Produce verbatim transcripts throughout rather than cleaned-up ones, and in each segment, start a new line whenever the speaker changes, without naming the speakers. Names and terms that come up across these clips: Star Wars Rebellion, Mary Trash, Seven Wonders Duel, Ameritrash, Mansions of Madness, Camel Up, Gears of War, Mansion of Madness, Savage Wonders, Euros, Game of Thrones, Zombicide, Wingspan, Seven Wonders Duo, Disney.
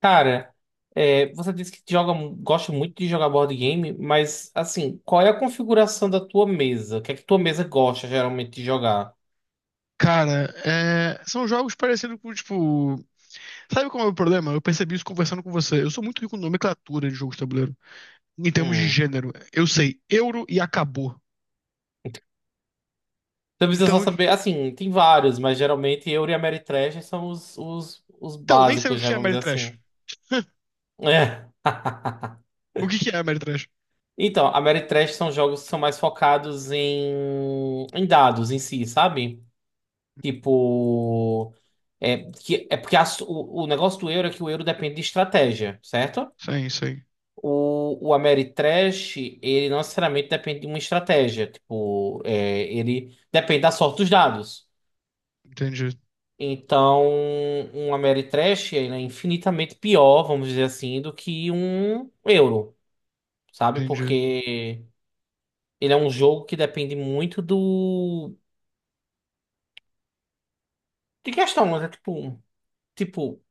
Cara, é, você disse que joga, gosta muito de jogar board game, mas assim, qual é a configuração da tua mesa? O que é que tua mesa gosta geralmente de jogar?
Cara, é, são jogos parecidos com, tipo. Sabe qual é o problema? Eu percebi isso conversando com você. Eu sou muito rico em nomenclatura de jogos de tabuleiro. Em termos de
Hum.
gênero. Eu sei euro e acabou.
Então precisa só
Então,
saber, assim, tem vários, mas geralmente eu e a Mary Trash são os, os, os
então nem sei o
básicos,
que
né?
é
Vamos dizer
Ameritrash.
assim. É.
O que que é Ameritrash?
Então, a Mary Trash são jogos que são mais focados em, em dados em si, sabe? Tipo, é, que, é porque a su- o, o negócio do euro é que o euro depende de estratégia, certo?
Sim, sim.
O, o Ameritrash, ele não necessariamente depende de uma estratégia. Tipo, é, ele depende da sorte dos dados.
Entendi,
Então, um Ameritrash, ele é infinitamente pior, vamos dizer assim, do que um euro, sabe?
entendi.
Porque ele é um jogo que depende muito do... de questão, mas é tipo... Tipo,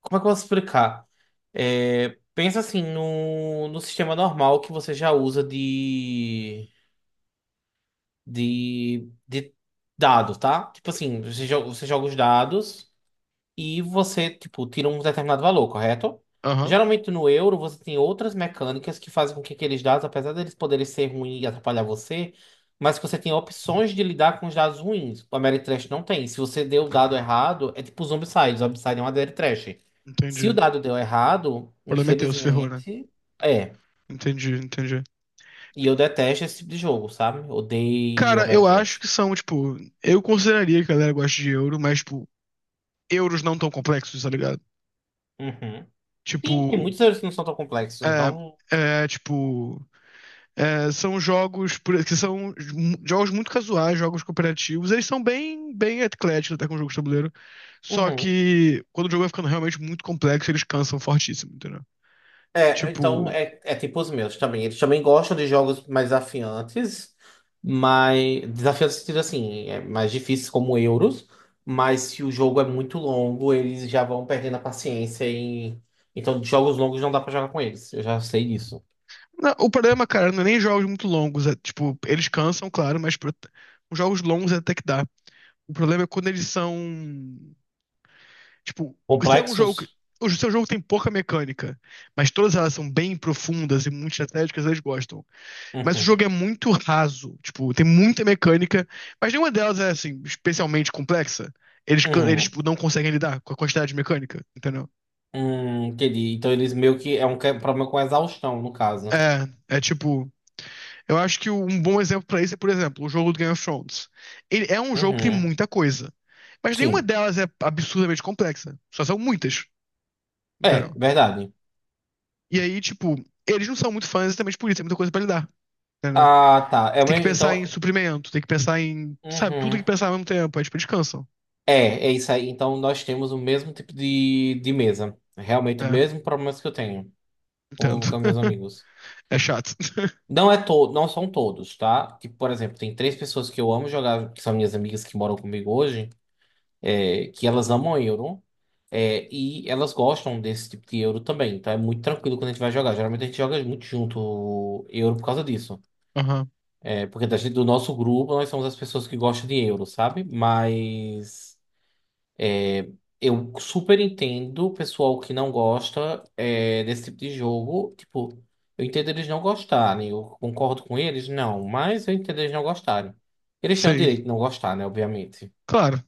como é que eu posso explicar? É, pensa assim no, no sistema normal que você já usa de, de, de dado, tá? Tipo assim, você, jo- você joga os dados e você, tipo, tira um determinado valor, correto?
Aham,
Geralmente no euro você tem outras mecânicas que fazem com que aqueles dados, apesar deles poderem ser ruins e atrapalhar você, mas que você tem opções de lidar com os dados ruins. O Ameritrash não tem. Se você deu o dado errado, é tipo os Zombicide. Zombicide é um Ameritrash. Se
entendi.
o
O
dado deu errado,
problema é teu, se ferrou, né?
infelizmente, é.
Entendi, entendi.
E eu detesto esse tipo de jogo, sabe? Odeio
Cara, eu acho
Ameritrash.
que são, tipo. Eu consideraria que a galera gosta de euro, mas, tipo, euros não tão complexos, tá ligado?
Uhum. Sim, tem
Tipo.
muitos erros que não são tão complexos, então.
É, é, tipo, é, são jogos por- que são mu- jogos muito casuais, jogos cooperativos. Eles são bem, bem ecléticos até com jogos de tabuleiro. Só
Uhum.
que quando o jogo vai ficando realmente muito complexo, eles cansam fortíssimo, entendeu?
É, então
Tipo,
é, é tipo os meus também. Eles também gostam de jogos mais desafiantes, mas desafiantes no sentido assim, é mais difíceis como Euros, mas se o jogo é muito longo, eles já vão perdendo a paciência e então jogos longos não dá pra jogar com eles. Eu já sei disso.
na- o problema, cara, não é nem jogos muito longos. É, tipo, eles cansam, claro, mas pro- os jogos longos até que dá. O problema é quando eles são, tipo, se é um jogo que
Complexos?
o seu jogo tem pouca mecânica, mas todas elas são bem profundas e muito estratégicas, eles gostam. Mas o
Uhum.
jogo é muito raso, tipo, tem muita mecânica, mas nenhuma delas é, assim, especialmente complexa. Eles, can- eles
Uhum.
tipo, não conseguem lidar com a quantidade de mecânica, entendeu?
Hum, entendi. Então eles meio que é um que- problema com exaustão, no caso.
É, é tipo, eu acho que um bom exemplo pra isso é, por exemplo, o jogo do Game of Thrones. Ele é um jogo que tem
Uhum.
muita coisa, mas nenhuma
Sim.
delas é absurdamente complexa, só são muitas,
É,
entendeu?
verdade.
E aí, tipo, eles não são muito fãs exatamente por isso, tem muita coisa pra lidar, entendeu?
Ah, tá. É, o
Tem que
mesmo-
pensar em
então.
suprimento, tem que pensar em, sabe, tudo tem
Uhum.
que pensar ao mesmo tempo, aí, tipo, eles cansam.
É, é isso aí. Então nós temos o mesmo tipo de, de mesa. Realmente o
É,
mesmo problemas que eu tenho com,
entendo.
com meus amigos.
É chato.
Não é todo, não são todos, tá? Tipo, por exemplo, tem três pessoas que eu amo jogar, que são minhas amigas que moram comigo hoje, é, que elas amam Euro, é, e elas gostam desse tipo de Euro também. Então é muito tranquilo quando a gente vai jogar. Geralmente a gente joga muito junto Euro por causa disso.
Aham,
É, porque da gente- do nosso grupo nós somos as pessoas que gostam de Euro, sabe? Mas. Eu super entendo o pessoal que não gosta é, desse tipo de jogo. Tipo, eu entendo eles não gostarem. Eu concordo com eles, não. Mas eu entendo eles não gostarem. Eles têm o
sei.
direito de não gostar, né? Obviamente.
Claro.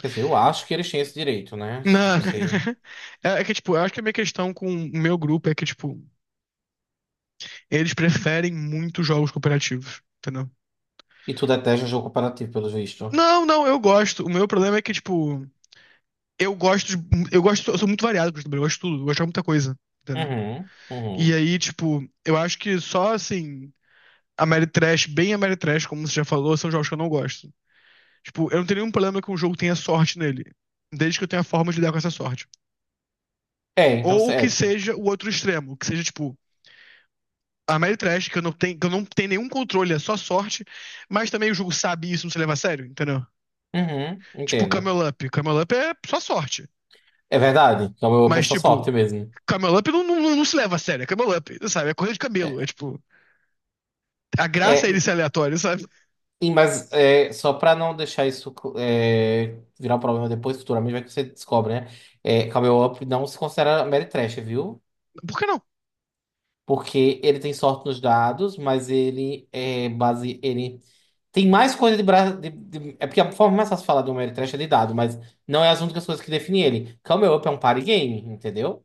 Quer dizer, eu acho que eles têm esse direito, né? Assim,
Não.
não sei.
É que, tipo, eu acho que a minha questão com o meu grupo é que, tipo, eles preferem muito jogos cooperativos, entendeu?
E tu detesta jogo comparativo, pelo visto.
Não, não, eu gosto. O meu problema é que, tipo, eu gosto de, eu gosto, eu sou muito variado com eu gosto de tudo, eu gosto de muita coisa, entendeu?
Uhum,
E
uhum.
aí, tipo, eu acho que só, assim, Ameritrash, bem Ameritrash, como você já falou, são jogos que eu não gosto. Tipo, eu não tenho nenhum problema que um jogo tenha sorte nele, desde que eu tenha forma de lidar com essa sorte.
É, então... cê-
Ou que
É,
seja o outro extremo, que seja, tipo, a Mary que eu não tenho, que eu não tenho nenhum controle, é só sorte, mas também o jogo sabe isso, não se leva a sério, entendeu?
uhum,
Tipo,
entendo.
Camel Up. Camel Up é só sorte.
É verdade. Então eu
Mas,
penso a sorte
tipo,
mesmo.
Camel Up não, não, não se leva a sério, é Camel Up, sabe? É corrida de
É,
camelo. É tipo, a graça é ele
é,
ser aleatório, sabe?
E, mas é, só para não deixar isso é, virar um problema depois, futuramente, vai que você descobre, né? É, Camel Up não se considera Ameritrash, viu?
Por que não?
Porque ele tem sorte nos dados, mas ele é base. Ele tem mais coisa de, bra... de, de- é porque a forma mais fácil de falar do Ameritrash é de dado, mas não é as únicas coisas que definem ele. Camel Up é um party game, entendeu?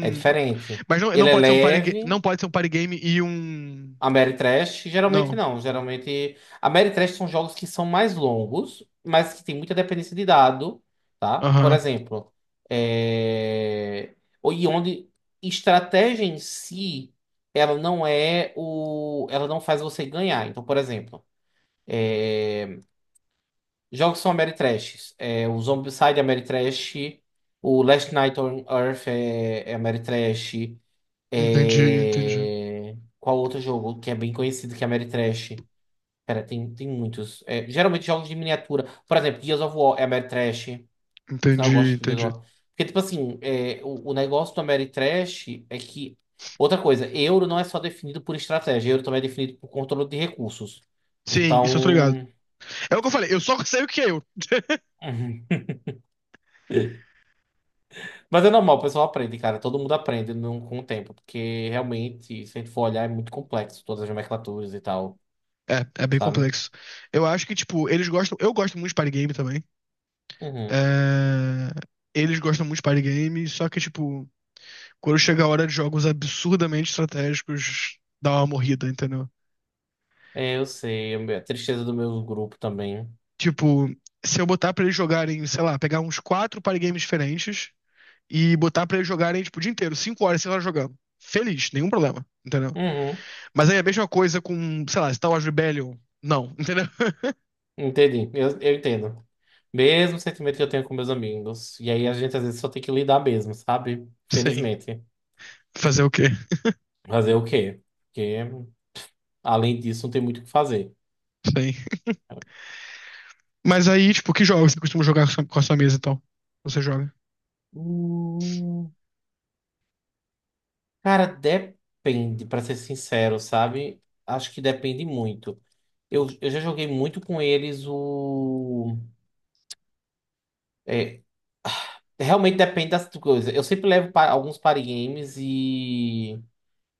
É diferente.
mas não, não
Ele é
pode ser um party, ga-
leve.
não pode ser um party game e um.
Ameritrash, geralmente
Não.
não. Geralmente. Ameritrash são jogos que são mais longos, mas que tem muita dependência de dado, tá? Por
Aham.
exemplo, é... o- e onde estratégia em si, ela não é o. Ela não faz você ganhar. Então, por exemplo. É, jogos são Ameritrash. É, o Zombicide é Ameritrash. O Last Night on Earth é, é Ameritrash.
Entendi, entendi.
É... Qual outro jogo que é bem conhecido que é Ameritrash? Pera, tem, tem muitos. É, geralmente jogos de miniatura. Por exemplo, Gears of War é Ameritrash. Senão eu
Entendi,
gosto de Gears
entendi.
of War. Porque, tipo assim, é, o, o negócio do Ameritrash é que. Outra coisa, euro não é só definido por estratégia, euro também é definido por controle de recursos.
Sim, isso eu tô ligado.
Então.
É o que eu falei, eu só sei o que é euro.
Mas é normal, o pessoal aprende, cara. Todo mundo aprende no- com o tempo, porque realmente, se a gente for olhar, é muito complexo todas as nomenclaturas e tal,
É, é bem
sabe?
complexo. Eu acho que, tipo, eles gostam. Eu gosto muito de party game também.
Uhum.
É, eles gostam muito de party game, só que, tipo, quando chega a hora de jogos absurdamente estratégicos, dá uma morrida, entendeu?
É, eu sei, é a tristeza do meu grupo também.
Tipo, se eu botar pra eles jogarem, sei lá, pegar uns quatro party games diferentes e botar pra eles jogarem, tipo, o dia inteiro, cinco horas, seis horas jogando. Feliz, nenhum problema, entendeu?
Uhum.
Mas aí é a mesma coisa com, sei lá, Star Wars Rebellion. Não, entendeu?
Entendi, eu, eu entendo. Mesmo sentimento que eu tenho com meus amigos. E aí a gente às vezes só tem que lidar mesmo, sabe?
Sim.
Felizmente.
Fazer o quê?
Fazer o quê? Porque além disso não tem muito o que fazer.
Sim. Mas aí, tipo, que jogos você costuma jogar com a sua- com a sua mesa e tal? Você joga?
Hum, cara, depende, pra ser sincero, sabe? Acho que depende muito. Eu, eu já joguei muito com eles o. É, realmente depende das coisas. Eu sempre levo pa- alguns party games e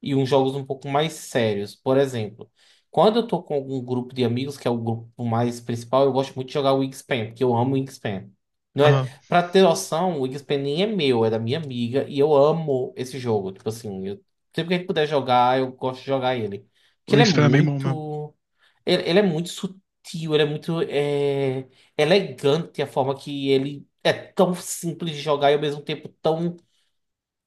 e uns jogos um pouco mais sérios. Por exemplo, quando eu tô com algum grupo de amigos, que é o grupo mais principal, eu gosto muito de jogar o Wingspan, porque eu amo o Wingspan. Não é,
Aham.
pra ter noção, o Wingspan nem é meu, é da minha amiga, e eu amo esse jogo. Tipo assim, eu, sempre que a gente puder jogar, eu gosto de jogar ele.
O
Porque ele é
Wingspan é bem bom mesmo.
muito. Ele, ele é muito sutil, ele é muito é, elegante a forma que ele é tão simples de jogar e ao mesmo tempo tão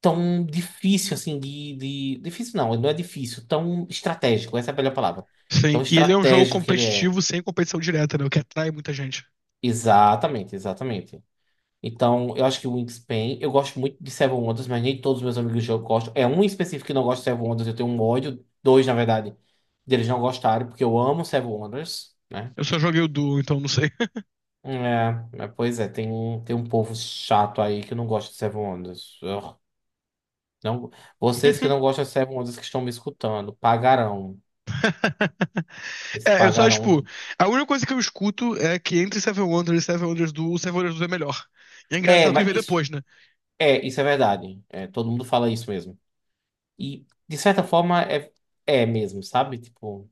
tão difícil, assim, de, de... difícil não, não é difícil, tão estratégico, essa é a melhor palavra. Tão
Sim. E ele é um jogo
estratégico que ele é.
competitivo sem competição direta, né? O que atrai muita gente.
Exatamente, exatamente. Então, eu acho que o Wingspan, eu gosto muito de Seven Wonders, mas nem todos os meus amigos eu gosto. É um em específico que não gosta de Seven Wonders, eu tenho um ódio, dois, na verdade, deles não gostarem, porque eu amo Seven Wonders, né?
Eu só joguei o Duo, então não sei.
É, mas, pois é, tem, um- tem um povo chato aí que não gosta de Seven Wonders. Ugh. Não, vocês que não gostam de Seven Wonders que estão me escutando, pagarão. Eles
É, eu só,
pagaram.
tipo,
Um
a única coisa que eu escuto é que entre Seven Wonders e Seven Wonders Duo, o Seven Wonders Duo é melhor. E é
é,
engraçado que ele
mas
veio
isso
depois, né?
é, isso é verdade. É, todo mundo fala isso mesmo. E, de certa forma, é, é mesmo, sabe? Tipo,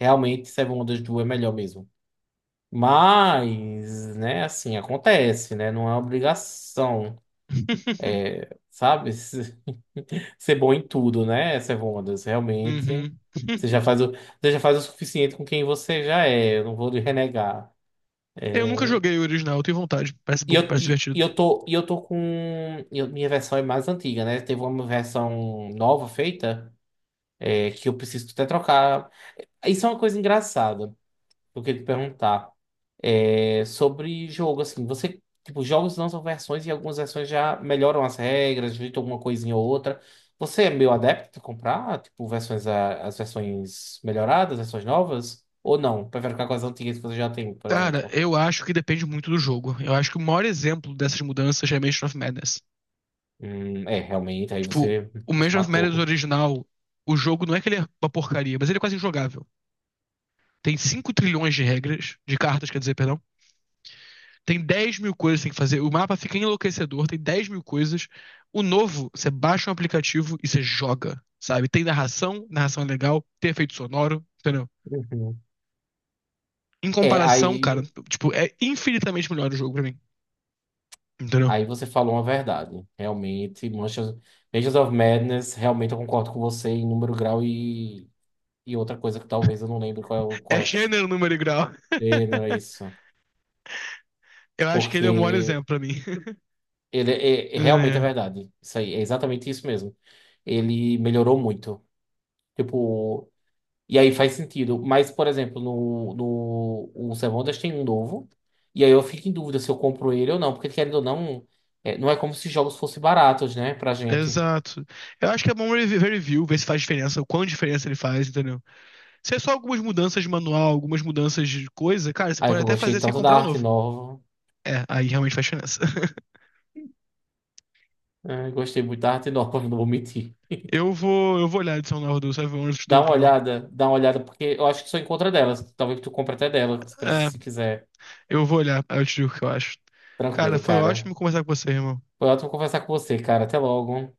realmente, Seven Wonders Duel é melhor mesmo. Mas, né, assim, acontece, né? Não é obrigação, sabe? Ser bom em tudo, né, Seven Wonders? Realmente.
Uhum.
Você já faz o, você já faz o suficiente com quem você já é. Eu não vou lhe renegar.
Eu nunca joguei o original, eu tenho vontade. Parece
E
bom,
eu,
parece
e e
divertido.
eu tô, e eu tô com. Eu- minha versão é mais antiga, né? Teve uma versão nova feita, é, que eu preciso até trocar. Isso é uma coisa engraçada, que eu queria te perguntar. É, sobre jogo, assim, você. Tipo, jogos lançam versões e algumas versões já melhoram as regras, ajeitam alguma coisinha ou outra. Você é meio adepto a comprar, tipo, versões, a- as versões melhoradas, versões novas? Ou não? Prefere ficar com as antigas que você já tem, por
Cara,
exemplo?
eu acho que depende muito do jogo. Eu acho que o maior exemplo dessas mudanças é Mansion of Madness.
Hum, é, realmente, aí
Tipo,
você,
o
você
Mansion of Madness
matou.
original, o jogo não é que ele é uma porcaria, mas ele é quase injogável. Tem cinco trilhões de regras, de cartas, quer dizer, perdão. Tem dez mil coisas que tem que fazer. O mapa fica enlouquecedor, tem dez mil coisas. O novo, você baixa um aplicativo e você joga, sabe? Tem narração, narração é legal, tem efeito sonoro, entendeu?
Uhum.
Em
É,
comparação, cara,
aí,
tipo, é infinitamente melhor o jogo pra mim, entendeu?
aí você falou uma verdade. Realmente, Manchas- Mansions of Madness, realmente eu concordo com você em número, grau e, e outra coisa que talvez eu não lembre qual é o
É
correto isso
gênero,
aqui.
número e grau.
É, não é isso.
Eu acho que ele é o maior
Porque
exemplo pra mim.
ele é, é- realmente é
É,
verdade. Isso aí, é exatamente isso mesmo. Ele melhorou muito. Tipo, e aí faz sentido. Mas, por exemplo, no, no o Semondas tem um novo. E aí eu fico em dúvida se eu compro ele ou não. Porque, querendo ou não, é, não é como se jogos fossem baratos, né? Pra
é.
gente.
Exato. Eu acho que é bom revi- ver review, ver se faz diferença, o quão diferença ele faz, entendeu? Se é só algumas mudanças de manual, algumas mudanças de coisa, cara, você
Aí que
pode
eu
até
gostei
fazer sem
tanto da
comprar um
arte
novo.
nova.
É, aí realmente faz diferença.
É, gostei muito da arte nova, não vou mentir.
Eu vou, eu vou olhar a edição nova do Savage Wonders, te dou
Dá
uma
uma
opinião.
olhada, dá uma olhada, porque eu acho que só encontra delas. Talvez tu compre até dela, se pre-
É,
se quiser.
eu vou olhar, aí eu te digo o que eu acho. Cara,
Tranquilo,
foi
cara.
ótimo conversar com você, irmão.
Foi ótimo conversar com você, cara. Até logo.